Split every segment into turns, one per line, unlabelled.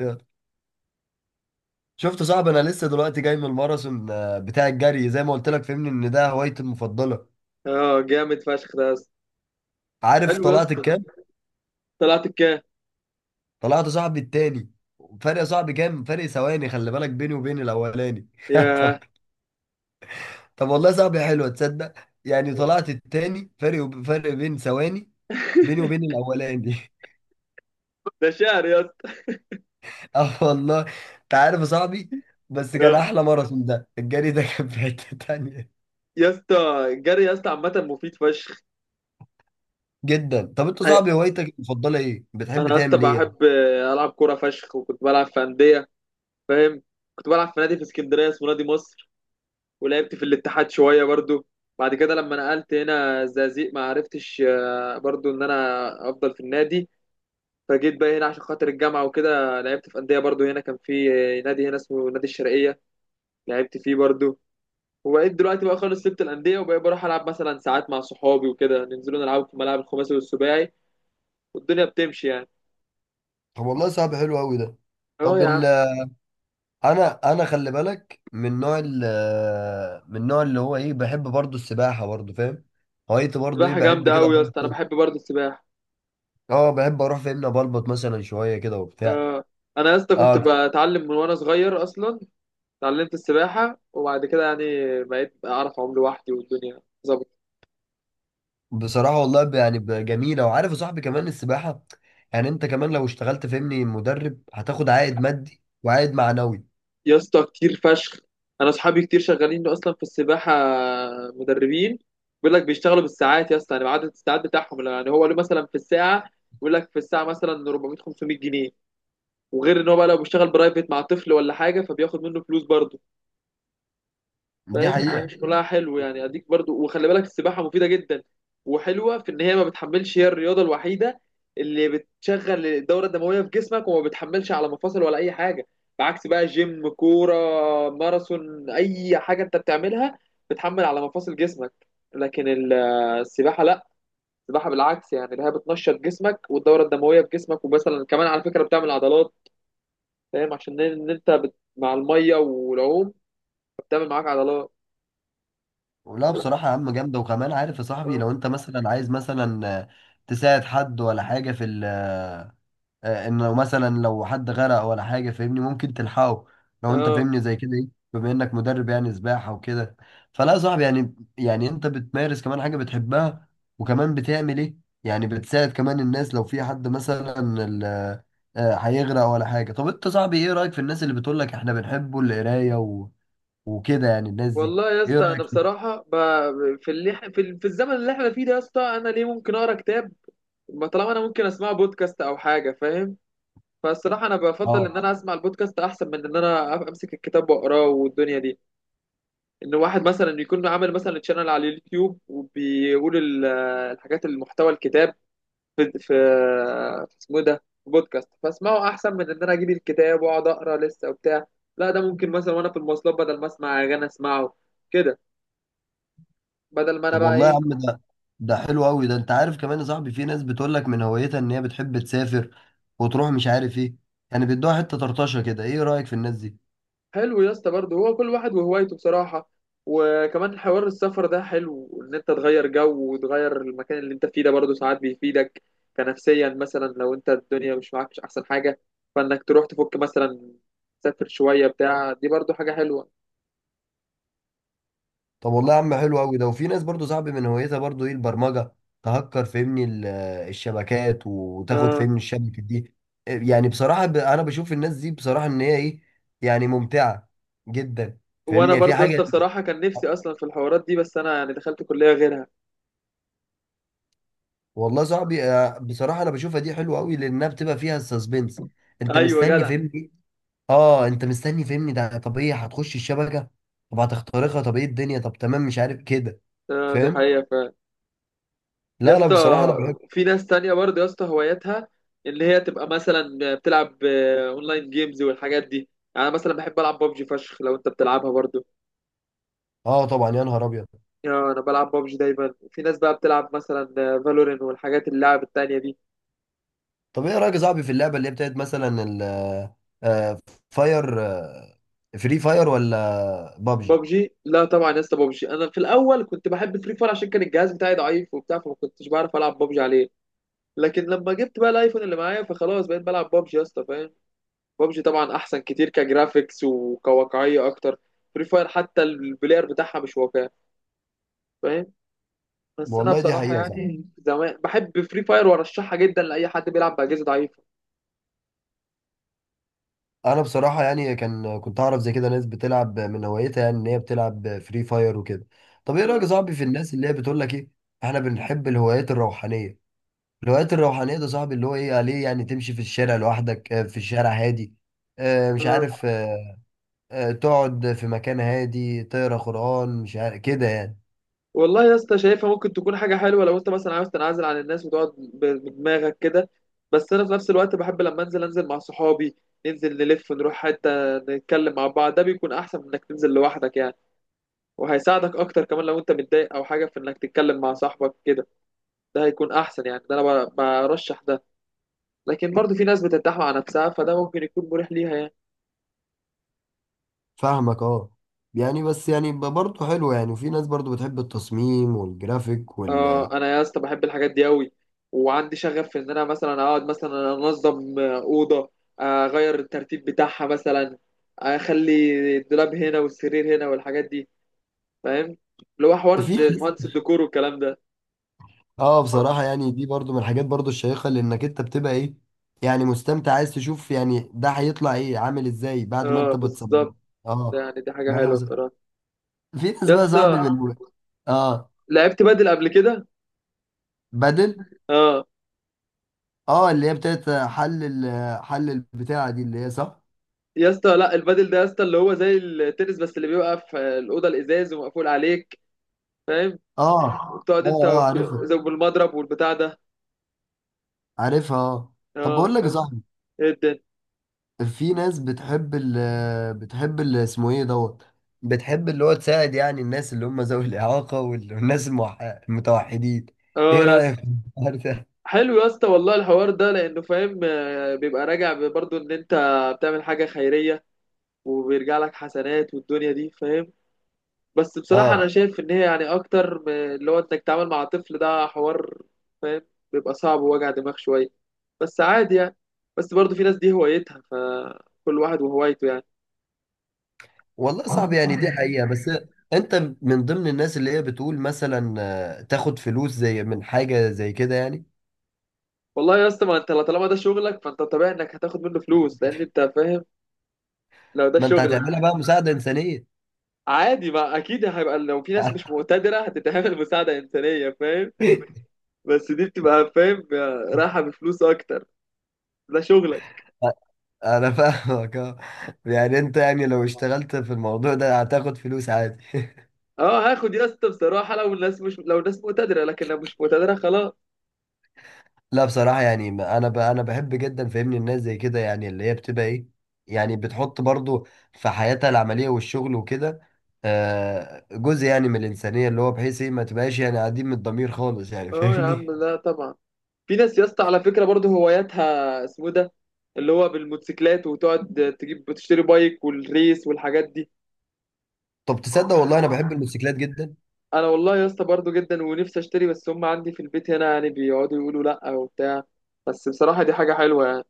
يلا. شفت صعب انا لسه دلوقتي جاي من الماراثون بتاع الجري زي ما قلت لك فهمني ان ده هوايتي المفضله.
اه جامد فشخ ده يا اسطى.
عارف
حلو يا
طلعت
اسطى ده.
الكام؟
طلعت الكام.
طلعت يا صاحبي التاني، فرق يا صاحبي، كام فرق ثواني خلي بالك بيني وبين الاولاني. طب.
ياه.
طب والله يا صاحبي حلوه تصدق، يعني طلعت التاني، فرق بين ثواني بيني وبين الاولاني.
ده شعر يا اسطى.
اه والله. انت عارف يا صاحبي، بس كان
آه.
احلى ماراثون، ده الجري ده كان في حته تانيه.
يا اسطى الجري يا اسطى عامة مفيد فشخ.
جدا. طب انت يا صاحبي هوايتك المفضله ايه؟ بتحب
انا يا اسطى
تعمل ايه؟
بحب العب كورة فشخ، وكنت بلعب في أندية، فاهم. كنت بلعب في نادي في اسكندرية اسمه نادي مصر، ولعبت في الاتحاد شوية برضو. بعد كده لما نقلت هنا الزقازيق ما عرفتش برضو ان انا افضل في النادي. فجيت بقى هنا عشان خاطر الجامعة وكده لعبت في أندية برضو هنا، كان في نادي هنا اسمه نادي الشرقية، لعبت فيه برضو. وبقيت دلوقتي بقى خالص سبت الأندية، وبقيت بروح ألعب مثلا ساعات مع صحابي وكده، ننزلوا نلعب في الملاعب الخماسي والسباعي والدنيا بتمشي يعني.
طب والله صعب، حلو قوي ده.
اه
طب
يا عم.
ال انا خلي بالك من نوع من النوع اللي هو ايه، بحب برضو السباحه برضو فاهم. هوايتي برضو ايه،
سباحة
بحب
جامدة
كده
أوي يا اسطى، أنا
فين؟
بحب برضه السباحة.
اه بحب اروح فاهمني بلبط مثلا شويه كده وبتاع.
اه. أنا يا اسطى كنت
اه
بتعلم من وأنا صغير أصلا، اتعلمت السباحة وبعد كده يعني بقيت أعرف أعوم لوحدي والدنيا ظبط.
بصراحه والله جميله. وعارف يا صاحبي كمان السباحه، يعني انت كمان لو اشتغلت فاهمني مدرب هتاخد عائد مادي وعائد معنوي.
يا اسطى كتير فشخ، أنا أصحابي كتير شغالين أصلا في السباحة مدربين. بيقول لك بيشتغلوا بالساعات يا اسطى، يعني بعدد الساعات بتاعهم، يعني هو له مثلا في الساعة، بيقول لك في الساعة مثلا 400 500 جنيه. وغير ان هو بقى لو بيشتغل برايفت مع طفل ولا حاجه فبياخد منه فلوس برضه،
دي
فاهم. دي مش
حقيقه.
حقيقة كلها حلو يعني اديك برضه. وخلي بالك السباحه مفيده جدا، وحلوه في ان هي ما بتحملش، هي الرياضه الوحيده اللي بتشغل الدوره الدمويه في جسمك وما بتحملش على مفاصل ولا اي حاجه. بعكس بقى جيم، كوره، ماراثون، اي حاجه انت بتعملها بتحمل على مفاصل جسمك. لكن السباحه لا، السباحه بالعكس يعني اللي هي بتنشط جسمك والدوره الدمويه في جسمك. ومثلا كمان على فكره بتعمل عضلات، فاهم، عشان ان انت مع الميه والعوم بتعمل معاك عضلات.
لا بصراحه يا عم جامده. وكمان عارف يا صاحبي
اه.
لو انت مثلا عايز مثلا تساعد حد ولا حاجه في انه مثلا لو حد غرق ولا حاجه فاهمني ممكن تلحقه لو انت
اه
فاهمني زي كده ايه، بما انك مدرب يعني سباحه وكده. فلا يا صاحبي، يعني انت بتمارس كمان حاجه بتحبها، وكمان بتعمل ايه، يعني بتساعد كمان الناس لو في حد مثلا ال- هيغرق ولا حاجه. طب انت صاحبي، ايه رايك في الناس اللي بتقول لك احنا بنحبوا القرايه وكده، يعني الناس دي
والله يا
ايه
اسطى انا
رايك
بصراحه في اللي إح- في, ال- في الزمن اللي احنا فيه ده يا اسطى انا ليه ممكن اقرا كتاب، ما طالما انا ممكن اسمع بودكاست او حاجه، فاهم. فالصراحه انا بفضل
فيه؟
ان انا اسمع البودكاست احسن من ان انا امسك الكتاب واقراه والدنيا دي. ان واحد مثلا يكون عامل مثلا تشانل على اليوتيوب وبيقول الحاجات المحتوى الكتاب، في في في اسمه إيه ده، في بودكاست فاسمعه احسن من ان انا اجيب الكتاب واقعد اقرا لسه وبتاع. لا ده ممكن مثلا وانا في المواصلات بدل ما اسمع اغاني اسمعه كده، بدل ما انا
طب
بقى
والله يا
ايه.
عم ده، ده حلو قوي ده. انت عارف كمان يا صاحبي في ناس بتقول لك من هوايتها ان هي بتحب تسافر وتروح مش عارف ايه، يعني بيدوها حته طرطشه كده، ايه رايك في الناس دي؟
حلو يا اسطى برضه، هو كل واحد وهوايته بصراحه. وكمان حوار السفر ده حلو، ان انت تغير جو وتغير المكان اللي انت فيه ده برضه ساعات بيفيدك كنفسيا. مثلا لو انت الدنيا مش معاك مش احسن حاجه فانك تروح تفك، مثلا تسافر شويه بتاع دي برضه حاجه حلوه.
طب والله يا عم حلو قوي ده. وفي ناس برضو صاحبي من هوايتها برضو ايه، البرمجه، تهكر فهمني الشبكات وتاخد
آه.
فهمني الشبكه دي. يعني بصراحه انا بشوف الناس دي بصراحه ان هي ايه، يعني ممتعه جدا
وانا
فاهمني في
برضه يا
حاجه.
اسطى بصراحه كان نفسي اصلا في الحوارات دي، بس انا يعني دخلت كليه غيرها.
والله صاحبي بصراحه انا بشوفها دي حلوه قوي لانها بتبقى فيها السسبنس، انت
ايوه
مستني
جدع.
فهمني. اه انت مستني فهمني ده، طب ايه، هتخش الشبكه، طب هتخترقها، طب ايه الدنيا، طب تمام مش عارف كده.
آه، دي
فاهم.
حقيقه فعلا. يا
لا
اسطى
بصراحه انا بحب.
في ناس تانية برضه يا اسطى هواياتها اللي هي تبقى مثلا بتلعب اونلاين جيمز والحاجات دي. يعني أنا مثلا بحب العب ببجي فشخ، لو انت بتلعبها برضه.
اه طبعا يا نهار ابيض.
انا بلعب ببجي دايما. في ناس بقى بتلعب مثلا فالورين والحاجات اللعب التانية دي.
طب ايه رايك يا صاحبي في اللعبه اللي هي بتاعت مثلا آه، فاير آه، فري فاير ولا بابجي؟
ببجي لا طبعا يا اسطى، ببجي انا في الاول كنت بحب فري فاير عشان كان الجهاز بتاعي ضعيف وبتاع، فما كنتش بعرف العب ببجي عليه. لكن لما جبت بقى الايفون اللي معايا فخلاص بقيت بلعب بابجي يا اسطى، فاهم. بابجي طبعا احسن كتير كجرافيكس وكواقعيه اكتر. فري فاير حتى البلاير بتاعها مش واقعي، فاهم. بس انا
والله دي
بصراحه
حقيقه صعبة.
يعني زمان بحب فري فاير وارشحها جدا لاي حد بيلعب باجهزه ضعيفه.
انا بصراحه يعني كنت اعرف زي كده ناس بتلعب من هوايتها، يعني ان هي بتلعب فري فاير وكده. طب ايه رايك يا
آه.
صاحبي في الناس اللي هي بتقول لك ايه، احنا بنحب الهوايات الروحانيه؟ الهوايات الروحانية ده صاحبي اللي هو ايه عليه، يعني تمشي في الشارع لوحدك في الشارع هادي، مش
آه.
عارف، تقعد في مكان هادي تقرا قرآن مش عارف كده يعني.
والله يا اسطى شايفها ممكن تكون حاجه حلوه لو انت مثلا عاوز تنعزل عن الناس وتقعد بدماغك كده. بس انا في نفس الوقت بحب لما انزل انزل مع صحابي، ننزل نلف نروح حته نتكلم مع بعض، ده بيكون احسن من انك تنزل لوحدك يعني. وهيساعدك اكتر كمان لو انت متضايق او حاجه في انك تتكلم مع صاحبك كده، ده هيكون احسن يعني، ده انا برشح ده. لكن برضو في ناس بترتاح مع نفسها، فده ممكن يكون مريح ليها يعني.
فاهمك اه. يعني بس يعني برضه حلو يعني. وفي ناس برضه بتحب التصميم والجرافيك
اه انا يا اسطى بحب الحاجات دي قوي، وعندي شغف في ان انا مثلا اقعد مثلا انظم اوضه، اغير الترتيب بتاعها مثلا، اخلي الدولاب هنا والسرير هنا والحاجات دي، فاهم. اللي هو حوار
في ناس،
مهندس الديكور والكلام ده.
اه بصراحة يعني دي برضه من الحاجات برضه الشيقة، لانك انت بتبقى ايه، يعني مستمتع، عايز تشوف يعني ده هيطلع ايه، عامل ازاي بعد ما
اه
انت بتصمم.
بالظبط،
اه.
يعني دي حاجه
ما- أنا
حلوه
بص-
بصراحه.
في ناس
يا
بقى صاحبي
اسطى
من، اه
لعبت بدل قبل كده.
بدل،
اه.
اه اللي هي بتاعت حل حل البتاعة دي اللي هي صح؟
يا اسطى لا، البادل ده يا اسطى اللي هو زي التنس، بس اللي بيبقى في الاوضه الازاز ومقفول عليك، فاهم.
اه.
وبتقعد
اه
انت
اه عارفها،
زي بالمضرب والبتاع ده.
عارفها اه. طب
اه
بقول لك يا
فاهم.
صاحبي،
ايه الدنيا.
في ناس بتحب بتحب ال اسمه ايه دوت، بتحب اللي هو تساعد يعني الناس اللي هم ذوي الإعاقة والناس المتوحدين.
اه
ايه
يا
رأيك
اسطى.
في الحوار ده؟
حلو يا اسطى والله الحوار ده، لانه فاهم بيبقى راجع برضه ان انت بتعمل حاجه خيريه وبيرجع لك حسنات والدنيا دي، فاهم. بس بصراحة
اه
أنا شايف إن هي يعني أكتر من اللي هو إنك تتعامل مع طفل، ده حوار فاهم بيبقى صعب ووجع دماغ شوية، بس عادي يعني. بس برضه في ناس دي هوايتها، فكل واحد وهوايته يعني.
والله صعب يعني، دي حقيقة. بس انت من ضمن الناس اللي هي بتقول مثلا تاخد فلوس زي من حاجة زي كده يعني؟
والله يا اسطى ما انت طالما ده شغلك فانت طبيعي انك هتاخد منه فلوس، لان انت فاهم لو ده
ما انت هتعملها
شغلك
بقى مساعدة إنسانية.
عادي. ما اكيد هيبقى لو في ناس مش مقتدره هتتعمل مساعده انسانيه، فاهم. بس دي بتبقى فاهم رايحه بفلوس اكتر، ده شغلك.
انا فاهمك اه. يعني انت يعني لو اشتغلت في الموضوع ده هتاخد فلوس عادي.
اه هاخد يا اسطى بصراحه لو الناس مقتدره. لكن لو مش مقتدره خلاص.
لا بصراحة يعني، انا بحب جدا فاهمني الناس زي كده، يعني اللي هي بتبقى ايه، يعني بتحط برضو في حياتها العملية والشغل وكده جزء يعني من الإنسانية، اللي هو بحيث ايه ما تبقاش يعني قاعدين من الضمير خالص يعني
اه يا عم
فاهمني.
لا طبعا. في ناس يا اسطى على فكره برضه هواياتها اسمه ده، اللي هو بالموتوسيكلات وتقعد تجيب تشتري بايك والريس والحاجات دي.
طب تصدق والله انا بحب الموتوسيكلات جدا.
انا والله يا اسطى برضه جدا ونفسي اشتري، بس هم عندي في البيت هنا يعني بيقعدوا يقولوا لا وبتاع. بس بصراحه دي حاجه حلوه يعني.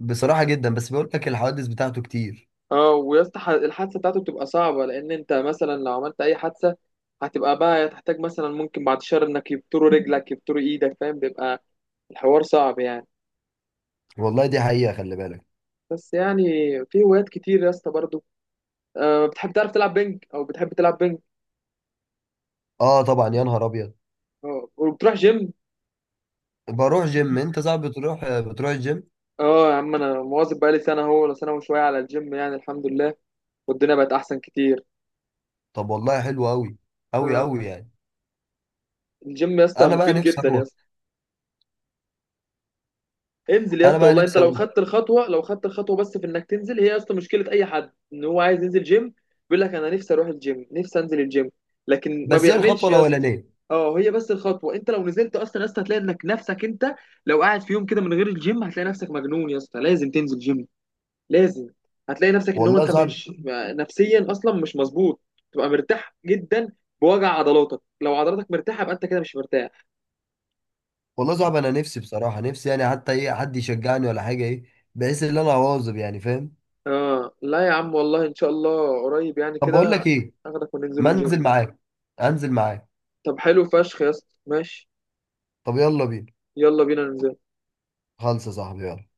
بصراحة جدا، بس بقول لك الحوادث بتاعته كتير.
اه ويا اسطى الحادثه بتاعته بتبقى صعبه، لان انت مثلا لو عملت اي حادثه هتبقى بقى تحتاج مثلا ممكن بعد شهر انك يبتروا رجلك يبتروا ايدك، فاهم، بيبقى الحوار صعب يعني.
والله دي حقيقة، خلي بالك.
بس يعني في هوايات كتير يا اسطى برضه. أه بتحب تعرف تلعب بينج او بتحب تلعب بينج.
اه طبعا يا نهار ابيض.
أه وبتروح جيم.
بروح جيم. انت صعب، بتروح، بتروح الجيم؟
اه يا عم انا مواظب بقالي سنه هو ولا سنه وشويه على الجيم، يعني الحمد لله والدنيا بقت احسن كتير.
طب والله حلو قوي، قوي
أه.
قوي يعني.
الجيم يا اسطى
انا بقى
مفيد
نفسي
جدا يا
اروح.
اسطى. انزل يا
انا
اسطى
بقى
والله، انت
نفسي
لو
اروح.
خدت الخطوه، لو خدت الخطوه بس، في انك تنزل هي يا اسطى مشكله اي حد ان هو عايز ينزل جيم، بيقول لك انا نفسي اروح الجيم نفسي انزل الجيم، لكن ما
بس هي
بيعملش
الخطوه
يا اسطى.
الاولانيه.
اه هي بس الخطوه، انت لو نزلت اصلا يا اسطى هتلاقي انك نفسك انت، لو قاعد في يوم كده من غير الجيم هتلاقي نفسك مجنون يا اسطى، لازم تنزل جيم، لازم. هتلاقي نفسك ان هو
والله
انت
صعب.
مش نفسيا اصلا مش مظبوط، تبقى مرتاح جدا بوجع عضلاتك، لو عضلاتك مرتاحه يبقى انت كده مش مرتاح.
والله صعب، انا نفسي بصراحه، نفسي يعني حتى ايه حد يشجعني ولا حاجه، ايه، بحيث ان انا اواظب يعني فاهم.
اه لا يا عم والله ان شاء الله قريب يعني
طب بقول
كده
لك ايه،
اخدك وننزل
ما
الجيم.
انزل معاك، انزل معاك.
طب حلو فشخ يا اسطى ماشي.
طب يلا بينا.
يلا بينا ننزل.
خلص يا صاحبي يلا.